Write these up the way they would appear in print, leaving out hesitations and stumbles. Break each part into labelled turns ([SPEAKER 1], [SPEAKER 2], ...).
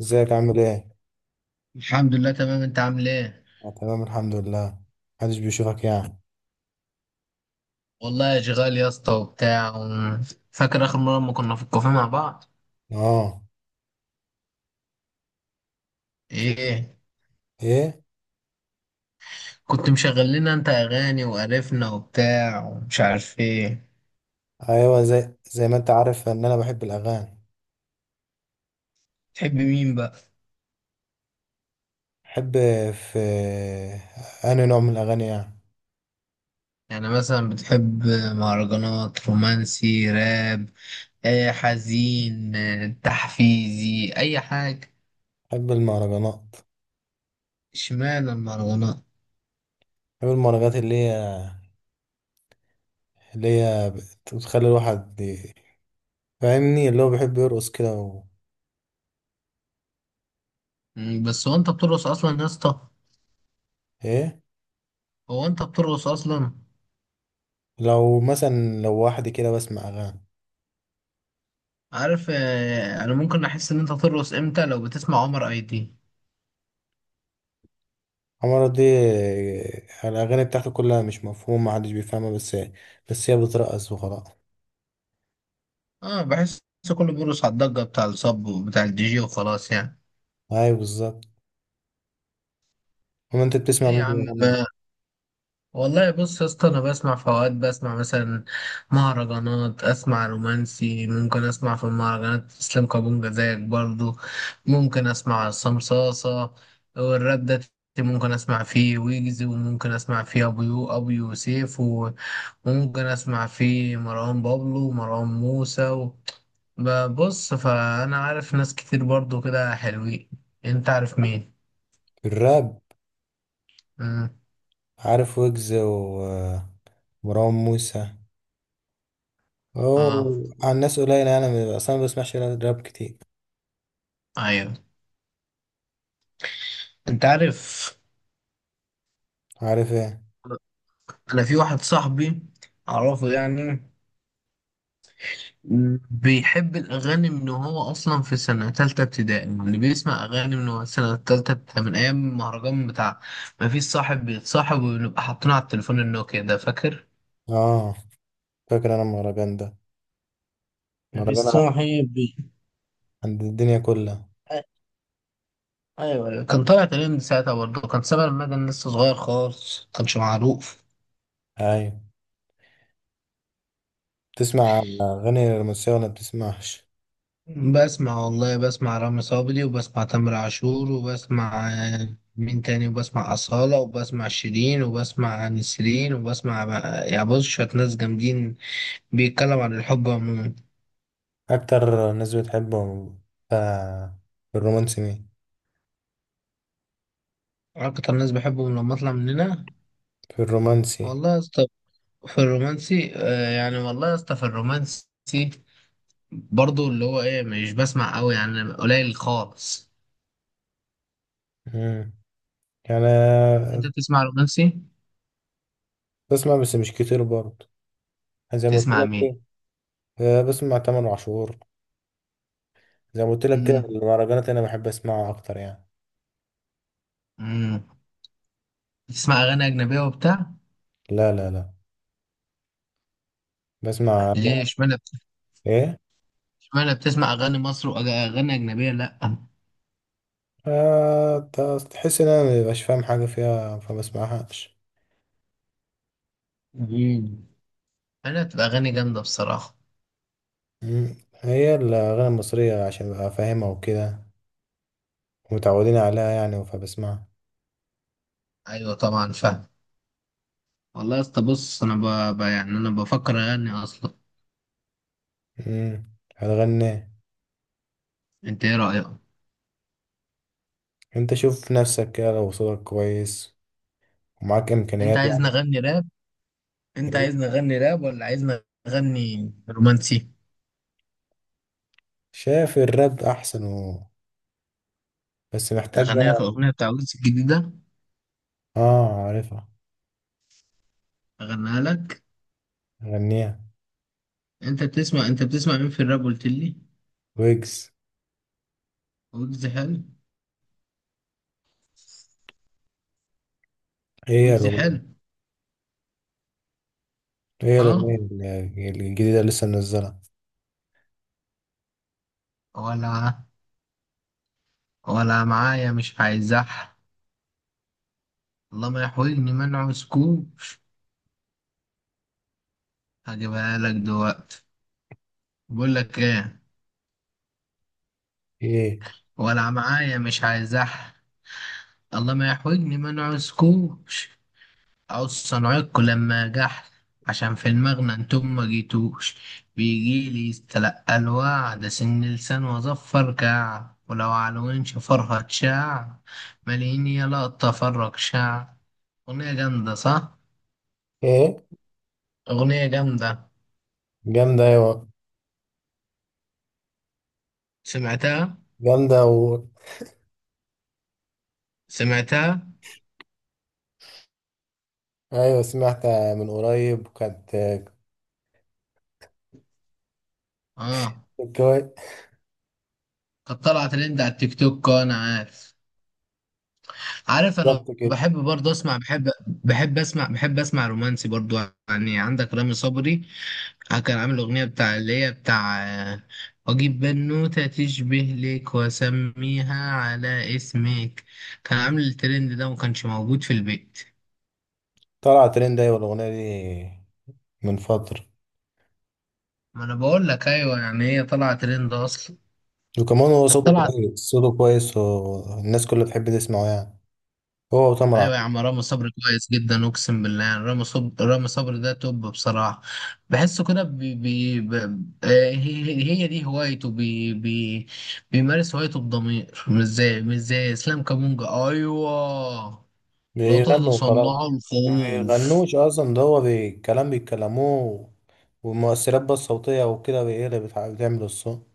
[SPEAKER 1] ازيك عامل ايه؟
[SPEAKER 2] الحمد لله تمام، انت عامل ايه؟
[SPEAKER 1] أنا تمام الحمد لله. محدش بيشوفك يعني.
[SPEAKER 2] والله اشغال يا اسطى وبتاع فاكر اخر مره لما كنا في الكافيه مع بعض.
[SPEAKER 1] اه.
[SPEAKER 2] ايه؟
[SPEAKER 1] ايه؟
[SPEAKER 2] كنت مشغل لنا انت اغاني وقرفنا وبتاع ومش عارف ايه.
[SPEAKER 1] ايوه، زي ما انت عارف ان انا بحب الاغاني.
[SPEAKER 2] تحب مين بقى؟
[SPEAKER 1] بحب. في. انهي نوع من الاغاني يعني؟
[SPEAKER 2] يعني مثلا بتحب مهرجانات، رومانسي، راب، ايه، حزين، اه، تحفيزي، اي حاجه.
[SPEAKER 1] بحب المهرجانات.
[SPEAKER 2] اشمعنى المهرجانات؟
[SPEAKER 1] بحب المهرجانات اللي هي بتخلي الواحد فاهمني اللي هو بيحب يرقص كده.
[SPEAKER 2] بس هو انت بترقص اصلا يا اسطى؟
[SPEAKER 1] ايه؟
[SPEAKER 2] هو انت بترقص اصلا؟
[SPEAKER 1] لو واحد كده بسمع اغاني.
[SPEAKER 2] عارف آه، انا ممكن احس ان انت ترقص امتى لو بتسمع عمر اي دي.
[SPEAKER 1] عمرو دي. الاغاني بتاعته كلها مش مفهومه محدش بيفهمها، بس هي بترقص وخلاص.
[SPEAKER 2] اه بحس كله بيرقص على الضجه بتاع الصب وبتاع الدي جي وخلاص يعني.
[SPEAKER 1] ايوه، بالظبط. وما انت بتسمع
[SPEAKER 2] ايه
[SPEAKER 1] مين
[SPEAKER 2] يا عم،
[SPEAKER 1] بيغني
[SPEAKER 2] والله بص يا اسطى، انا بسمع، في اوقات بسمع مثلا مهرجانات، اسمع رومانسي، ممكن اسمع في المهرجانات اسلام كابونجا زيك برضو، ممكن اسمع صمصاصه، والراب ده ممكن اسمع فيه ويجز، وممكن اسمع فيه ابو يوسف وممكن اسمع فيه مروان بابلو ومروان موسى. ببص فانا عارف ناس كتير برضو كده حلوين. انت عارف مين؟
[SPEAKER 1] في الراب؟
[SPEAKER 2] مم.
[SPEAKER 1] عارف ويجز ومروان موسى.
[SPEAKER 2] اه،
[SPEAKER 1] اوه، على الناس قليلة يعني. اصلا ما بسمعش راب كتير.
[SPEAKER 2] ايوه. انت عارف،
[SPEAKER 1] عارف ايه؟
[SPEAKER 2] انا في واحد صاحبي اعرفه يعني، بيحب الاغاني من هو اصلا في سنه تالته ابتدائي، يعني بيسمع اغاني من هو سنه تالته ابتدائي، من ايام المهرجان بتاع ما فيش صاحب بيتصاحب، ونبقى حاطينه على التليفون النوكيا ده، فاكر؟
[SPEAKER 1] اه. فاكر انا المهرجان ده.
[SPEAKER 2] ما فيش
[SPEAKER 1] مهرجان
[SPEAKER 2] صاحب بي-
[SPEAKER 1] عند الدنيا كلها.
[SPEAKER 2] أ- ايوه، أيوة. كان طالع تقريبا ساعتها، برضه كان سبب المدن لسه صغير خالص، كانش معروف.
[SPEAKER 1] ايوه. بتسمع اغاني رومانسية ولا بتسمعش؟
[SPEAKER 2] بسمع، والله بسمع رامي صبري، وبسمع تامر عاشور، وبسمع آه، مين تاني، وبسمع أصالة، وبسمع شيرين، وبسمع نسرين، يعني بص شوية ناس جامدين بيتكلموا عن الحب عموما.
[SPEAKER 1] اكتر ناس بتحبهم ف- في الرومانسي مين؟
[SPEAKER 2] أكتر ناس بحبهم لما أطلع من هنا،
[SPEAKER 1] في الرومانسي.
[SPEAKER 2] والله يا اسطى في الرومانسي آه، يعني والله يا اسطى في الرومانسي برضو اللي هو إيه، مش بسمع أوي يعني، قليل خالص.
[SPEAKER 1] امم يعني
[SPEAKER 2] أنت بتسمع رومانسي؟
[SPEAKER 1] بسمع، بس مش كتير برضه، زي ما قلت
[SPEAKER 2] تسمع مين؟
[SPEAKER 1] لك. بسمع تامر عاشور. زي ما قلت لك كده
[SPEAKER 2] مم.
[SPEAKER 1] المهرجانات انا بحب اسمعها اكتر يعني.
[SPEAKER 2] مم. تسمع أغاني أجنبية وبتاع؟
[SPEAKER 1] لا، لا، لا. بسمع
[SPEAKER 2] ليه
[SPEAKER 1] لا.
[SPEAKER 2] اشمعنى
[SPEAKER 1] ايه؟
[SPEAKER 2] اشمعنى بتسمع اغاني مصر، واغاني اجنبيه لا؟
[SPEAKER 1] آه ت- تحس ان انا مبقاش فاهم حاجه فيها فبسمعهاش.
[SPEAKER 2] مم. انا بتبقى اغاني جامده بصراحه.
[SPEAKER 1] مم. هي الاغاني المصريه عشان ابقى فاهمها وكده، متعودين عليها يعني فبسمعها.
[SPEAKER 2] ايوه طبعا فاهم. والله يا اسطى بص انا يعني انا بفكر اغني اصلا.
[SPEAKER 1] امم هتغني؟
[SPEAKER 2] انت ايه رايك؟
[SPEAKER 1] انت شوف نفسك كده لو صوتك كويس ومعاك
[SPEAKER 2] انت
[SPEAKER 1] امكانيات
[SPEAKER 2] عايزني
[SPEAKER 1] يعني.
[SPEAKER 2] اغني راب؟ انت
[SPEAKER 1] إيه؟
[SPEAKER 2] عايزني اغني راب ولا عايزني اغني رومانسي؟
[SPEAKER 1] شايف الراب احسن. بس محتاج
[SPEAKER 2] اغني لك
[SPEAKER 1] بقى.
[SPEAKER 2] الاغنيه بتاع ويجز الجديده؟
[SPEAKER 1] اه. عارفها.
[SPEAKER 2] اغنيها لك.
[SPEAKER 1] غنيها.
[SPEAKER 2] انت بتسمع مين في الراب قلت لي؟
[SPEAKER 1] ويجز.
[SPEAKER 2] ويجز حلو.
[SPEAKER 1] ايه يا
[SPEAKER 2] ويجز حلو.
[SPEAKER 1] الأغنية؟ هي الأغنية
[SPEAKER 2] اه،
[SPEAKER 1] الجديدة اللي لسه منزلها،
[SPEAKER 2] ولا، ولا معايا مش هيزح، الله ما يحولني منعه سكوب. هجيبها لك دلوقتي. بقول لك ايه.
[SPEAKER 1] ايه؟
[SPEAKER 2] ولا معايا مش عايزح، الله ما يحولني منعه سكوش، او صنعكوا لما جح، عشان في المغنى انتم ما جيتوش، بيجيلي يستلقى الوعد سن لسان واظفر كعب، ولو على وين شفرها تشع، ماليني يلا اتفرج شع. اغنية جامدة صح؟
[SPEAKER 1] ايه؟
[SPEAKER 2] اغنية جامدة.
[SPEAKER 1] جامدة ايوه.
[SPEAKER 2] سمعتها؟
[SPEAKER 1] جامدة.
[SPEAKER 2] سمعتها.
[SPEAKER 1] ايوه سمعتها من قريب، وكانت
[SPEAKER 2] اه،
[SPEAKER 1] كانت كويس.
[SPEAKER 2] كانت طالعه ترند على التيك توك، اه انا عارف. عارف انا
[SPEAKER 1] بالظبط كده.
[SPEAKER 2] بحب برضه اسمع، بحب اسمع رومانسي برضه يعني. عندك رامي صبري آه، كان عامل اغنيه بتاع اللي هي بتاع آه، اجيب بنوته تشبه لك واسميها على اسمك. كان عامل الترند ده وما كانش موجود في البيت.
[SPEAKER 1] طلع ترند، ايوه، الأغنية دي من فترة.
[SPEAKER 2] ما انا بقول لك ايوه يعني، هي طالعه ترند اصلا.
[SPEAKER 1] وكمان هو
[SPEAKER 2] كانت
[SPEAKER 1] صوته
[SPEAKER 2] طالعه.
[SPEAKER 1] كويس، صوته كويس، والناس كلها بتحب تسمعه يعني. هو وتامر
[SPEAKER 2] ايوه يا
[SPEAKER 1] عاشور.
[SPEAKER 2] عم، رامي صبري كويس جدا اقسم بالله، يعني رامي صبري ده توب بصراحه. بحسه كده آه، هي هي دي هوايته بي بي، بيمارس هوايته بضمير، مش زي مش زي اسلام كامونجا. ايوه، لا
[SPEAKER 1] بيغنوا وخلاص.
[SPEAKER 2] تتصنعوا
[SPEAKER 1] ما
[SPEAKER 2] الخوف.
[SPEAKER 1] بيغنوش أصلا، ده هو كلام بيتكلموه. والمؤثرات بقى الصوتية وكده هي اللي بتعمل الصوت.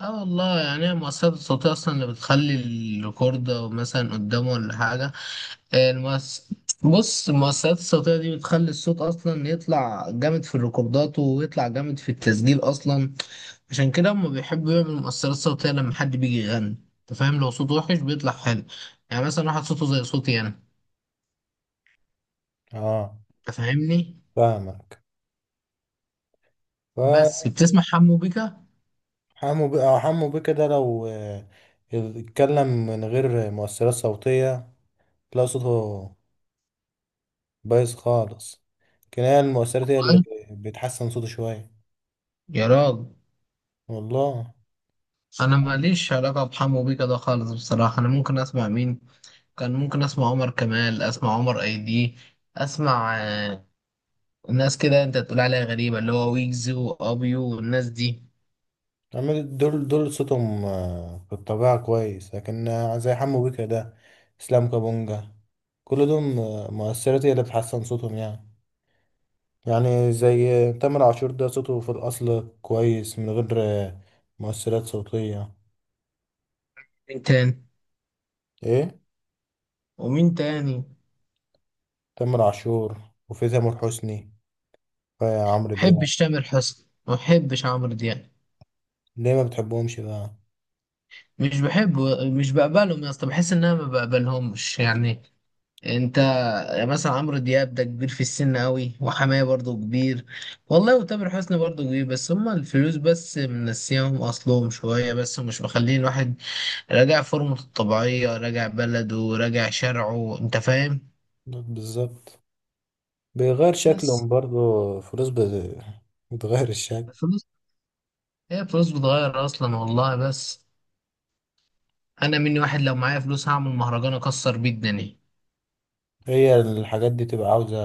[SPEAKER 2] اه والله يعني هي المؤثرات الصوتيه اصلا اللي بتخلي الريكورد مثلا قدامه ولا حاجه. آه، بص المؤثرات الصوتية دي بتخلي الصوت أصلا يطلع جامد في الريكوردات، ويطلع جامد في التسجيل أصلا. عشان كده هما بيحبوا يعملوا مؤثرات صوتية لما حد بيجي يغني. أنت فاهم، لو صوته وحش بيطلع حلو. يعني مثلا واحد صوته زي صوتي أنا.
[SPEAKER 1] اه.
[SPEAKER 2] أنت فاهمني.
[SPEAKER 1] فاهمك.
[SPEAKER 2] بس بتسمع حمو بيكا؟
[SPEAKER 1] حمو بيه، اه. حمو بيه كده لو اتكلم من غير مؤثرات صوتية. تلاقي صوته بايظ خالص. كناية المؤثرات هي اللي
[SPEAKER 2] أي.
[SPEAKER 1] بتحسن صوته شوية.
[SPEAKER 2] يا راجل،
[SPEAKER 1] والله.
[SPEAKER 2] أنا ماليش علاقة بحمو بيكا ده خالص بصراحة. أنا ممكن أسمع مين؟ كان ممكن أسمع عمر كمال، أسمع عمر أيدي، أسمع آه، الناس كده انت تقول عليها غريبة، اللي هو ويجز وابيو والناس دي.
[SPEAKER 1] عمال دول دول صوتهم في الطبيعة كويس، لكن زي حمو بيه كده. اسلام كابونجا، كل دول مؤثرات هي اللي بتحسن صوتهم يعني. يعني زي تامر عاشور ده صوته في الأصل كويس من غير مؤثرات صوتية.
[SPEAKER 2] مين تاني؟
[SPEAKER 1] ايه؟
[SPEAKER 2] ومين تاني ما
[SPEAKER 1] تامر عاشور، وفي تامر حسني، في عمرو دياب.
[SPEAKER 2] بحبش تامر حسني، ما بحبش عمرو دياب.
[SPEAKER 1] ليه ما بتحبهمش بقى؟
[SPEAKER 2] مش بحبه، مش بقبلهم يا اسطى، بحس ان انا ما بقبلهمش يعني. انت مثلا، عمرو دياب ده كبير في السن قوي، وحماية برضه كبير والله، وتامر حسني برضه كبير. بس هما الفلوس بس منسيهم اصلهم شوية بس، ومش مخلين الواحد راجع فورمته الطبيعية، راجع بلده، راجع شرعه، انت فاهم.
[SPEAKER 1] بالظبط، بيغير
[SPEAKER 2] بس
[SPEAKER 1] شكلهم برضو. فلوس بتغير الشكل.
[SPEAKER 2] الفلوس، هي فلوس بتغير اصلا والله. بس انا مني واحد، لو معايا فلوس هعمل مهرجان اكسر بيه الدنيا.
[SPEAKER 1] هي الحاجات دي تبقى عاوزة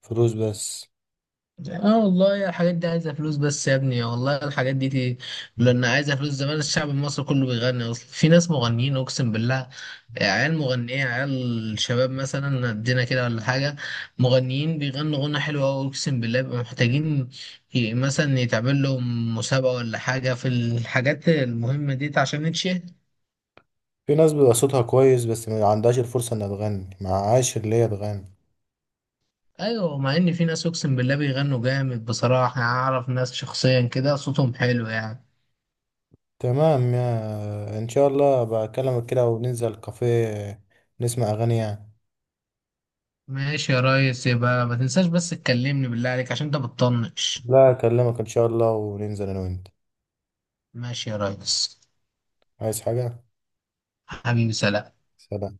[SPEAKER 1] فلوس بس.
[SPEAKER 2] اه والله يا، الحاجات دي عايزه فلوس بس يا ابني، والله الحاجات دي، دي لان عايزه فلوس. زمان الشعب المصري كله بيغني اصلا. في ناس مغنيين اقسم بالله، عيال مغنيه، عيال شباب مثلا قدنا كده ولا حاجه، مغنيين بيغنوا غنى حلو قوي اقسم بالله، بيبقوا محتاجين مثلا يتعمل لهم مسابقه ولا حاجه في الحاجات المهمه دي عشان نتشهر.
[SPEAKER 1] في ناس بيبقى صوتها كويس، بس ما عندهاش الفرصة انها تغني معهاش اللي هي تغني.
[SPEAKER 2] ايوه، مع ان في ناس اقسم بالله بيغنوا جامد بصراحه يعني، اعرف ناس شخصيا كده صوتهم حلو يعني.
[SPEAKER 1] تمام. يا ان شاء الله بكلمك كده وننزل كافيه نسمع اغاني يعني.
[SPEAKER 2] ماشي يا ريس، يبقى ما تنساش بس تكلمني بالله عليك، عشان انت بتطنش.
[SPEAKER 1] لا، اكلمك ان شاء الله وننزل انا وانت.
[SPEAKER 2] ماشي يا ريس.
[SPEAKER 1] عايز حاجة؟
[SPEAKER 2] حبيبي، سلام.
[SPEAKER 1] سلام.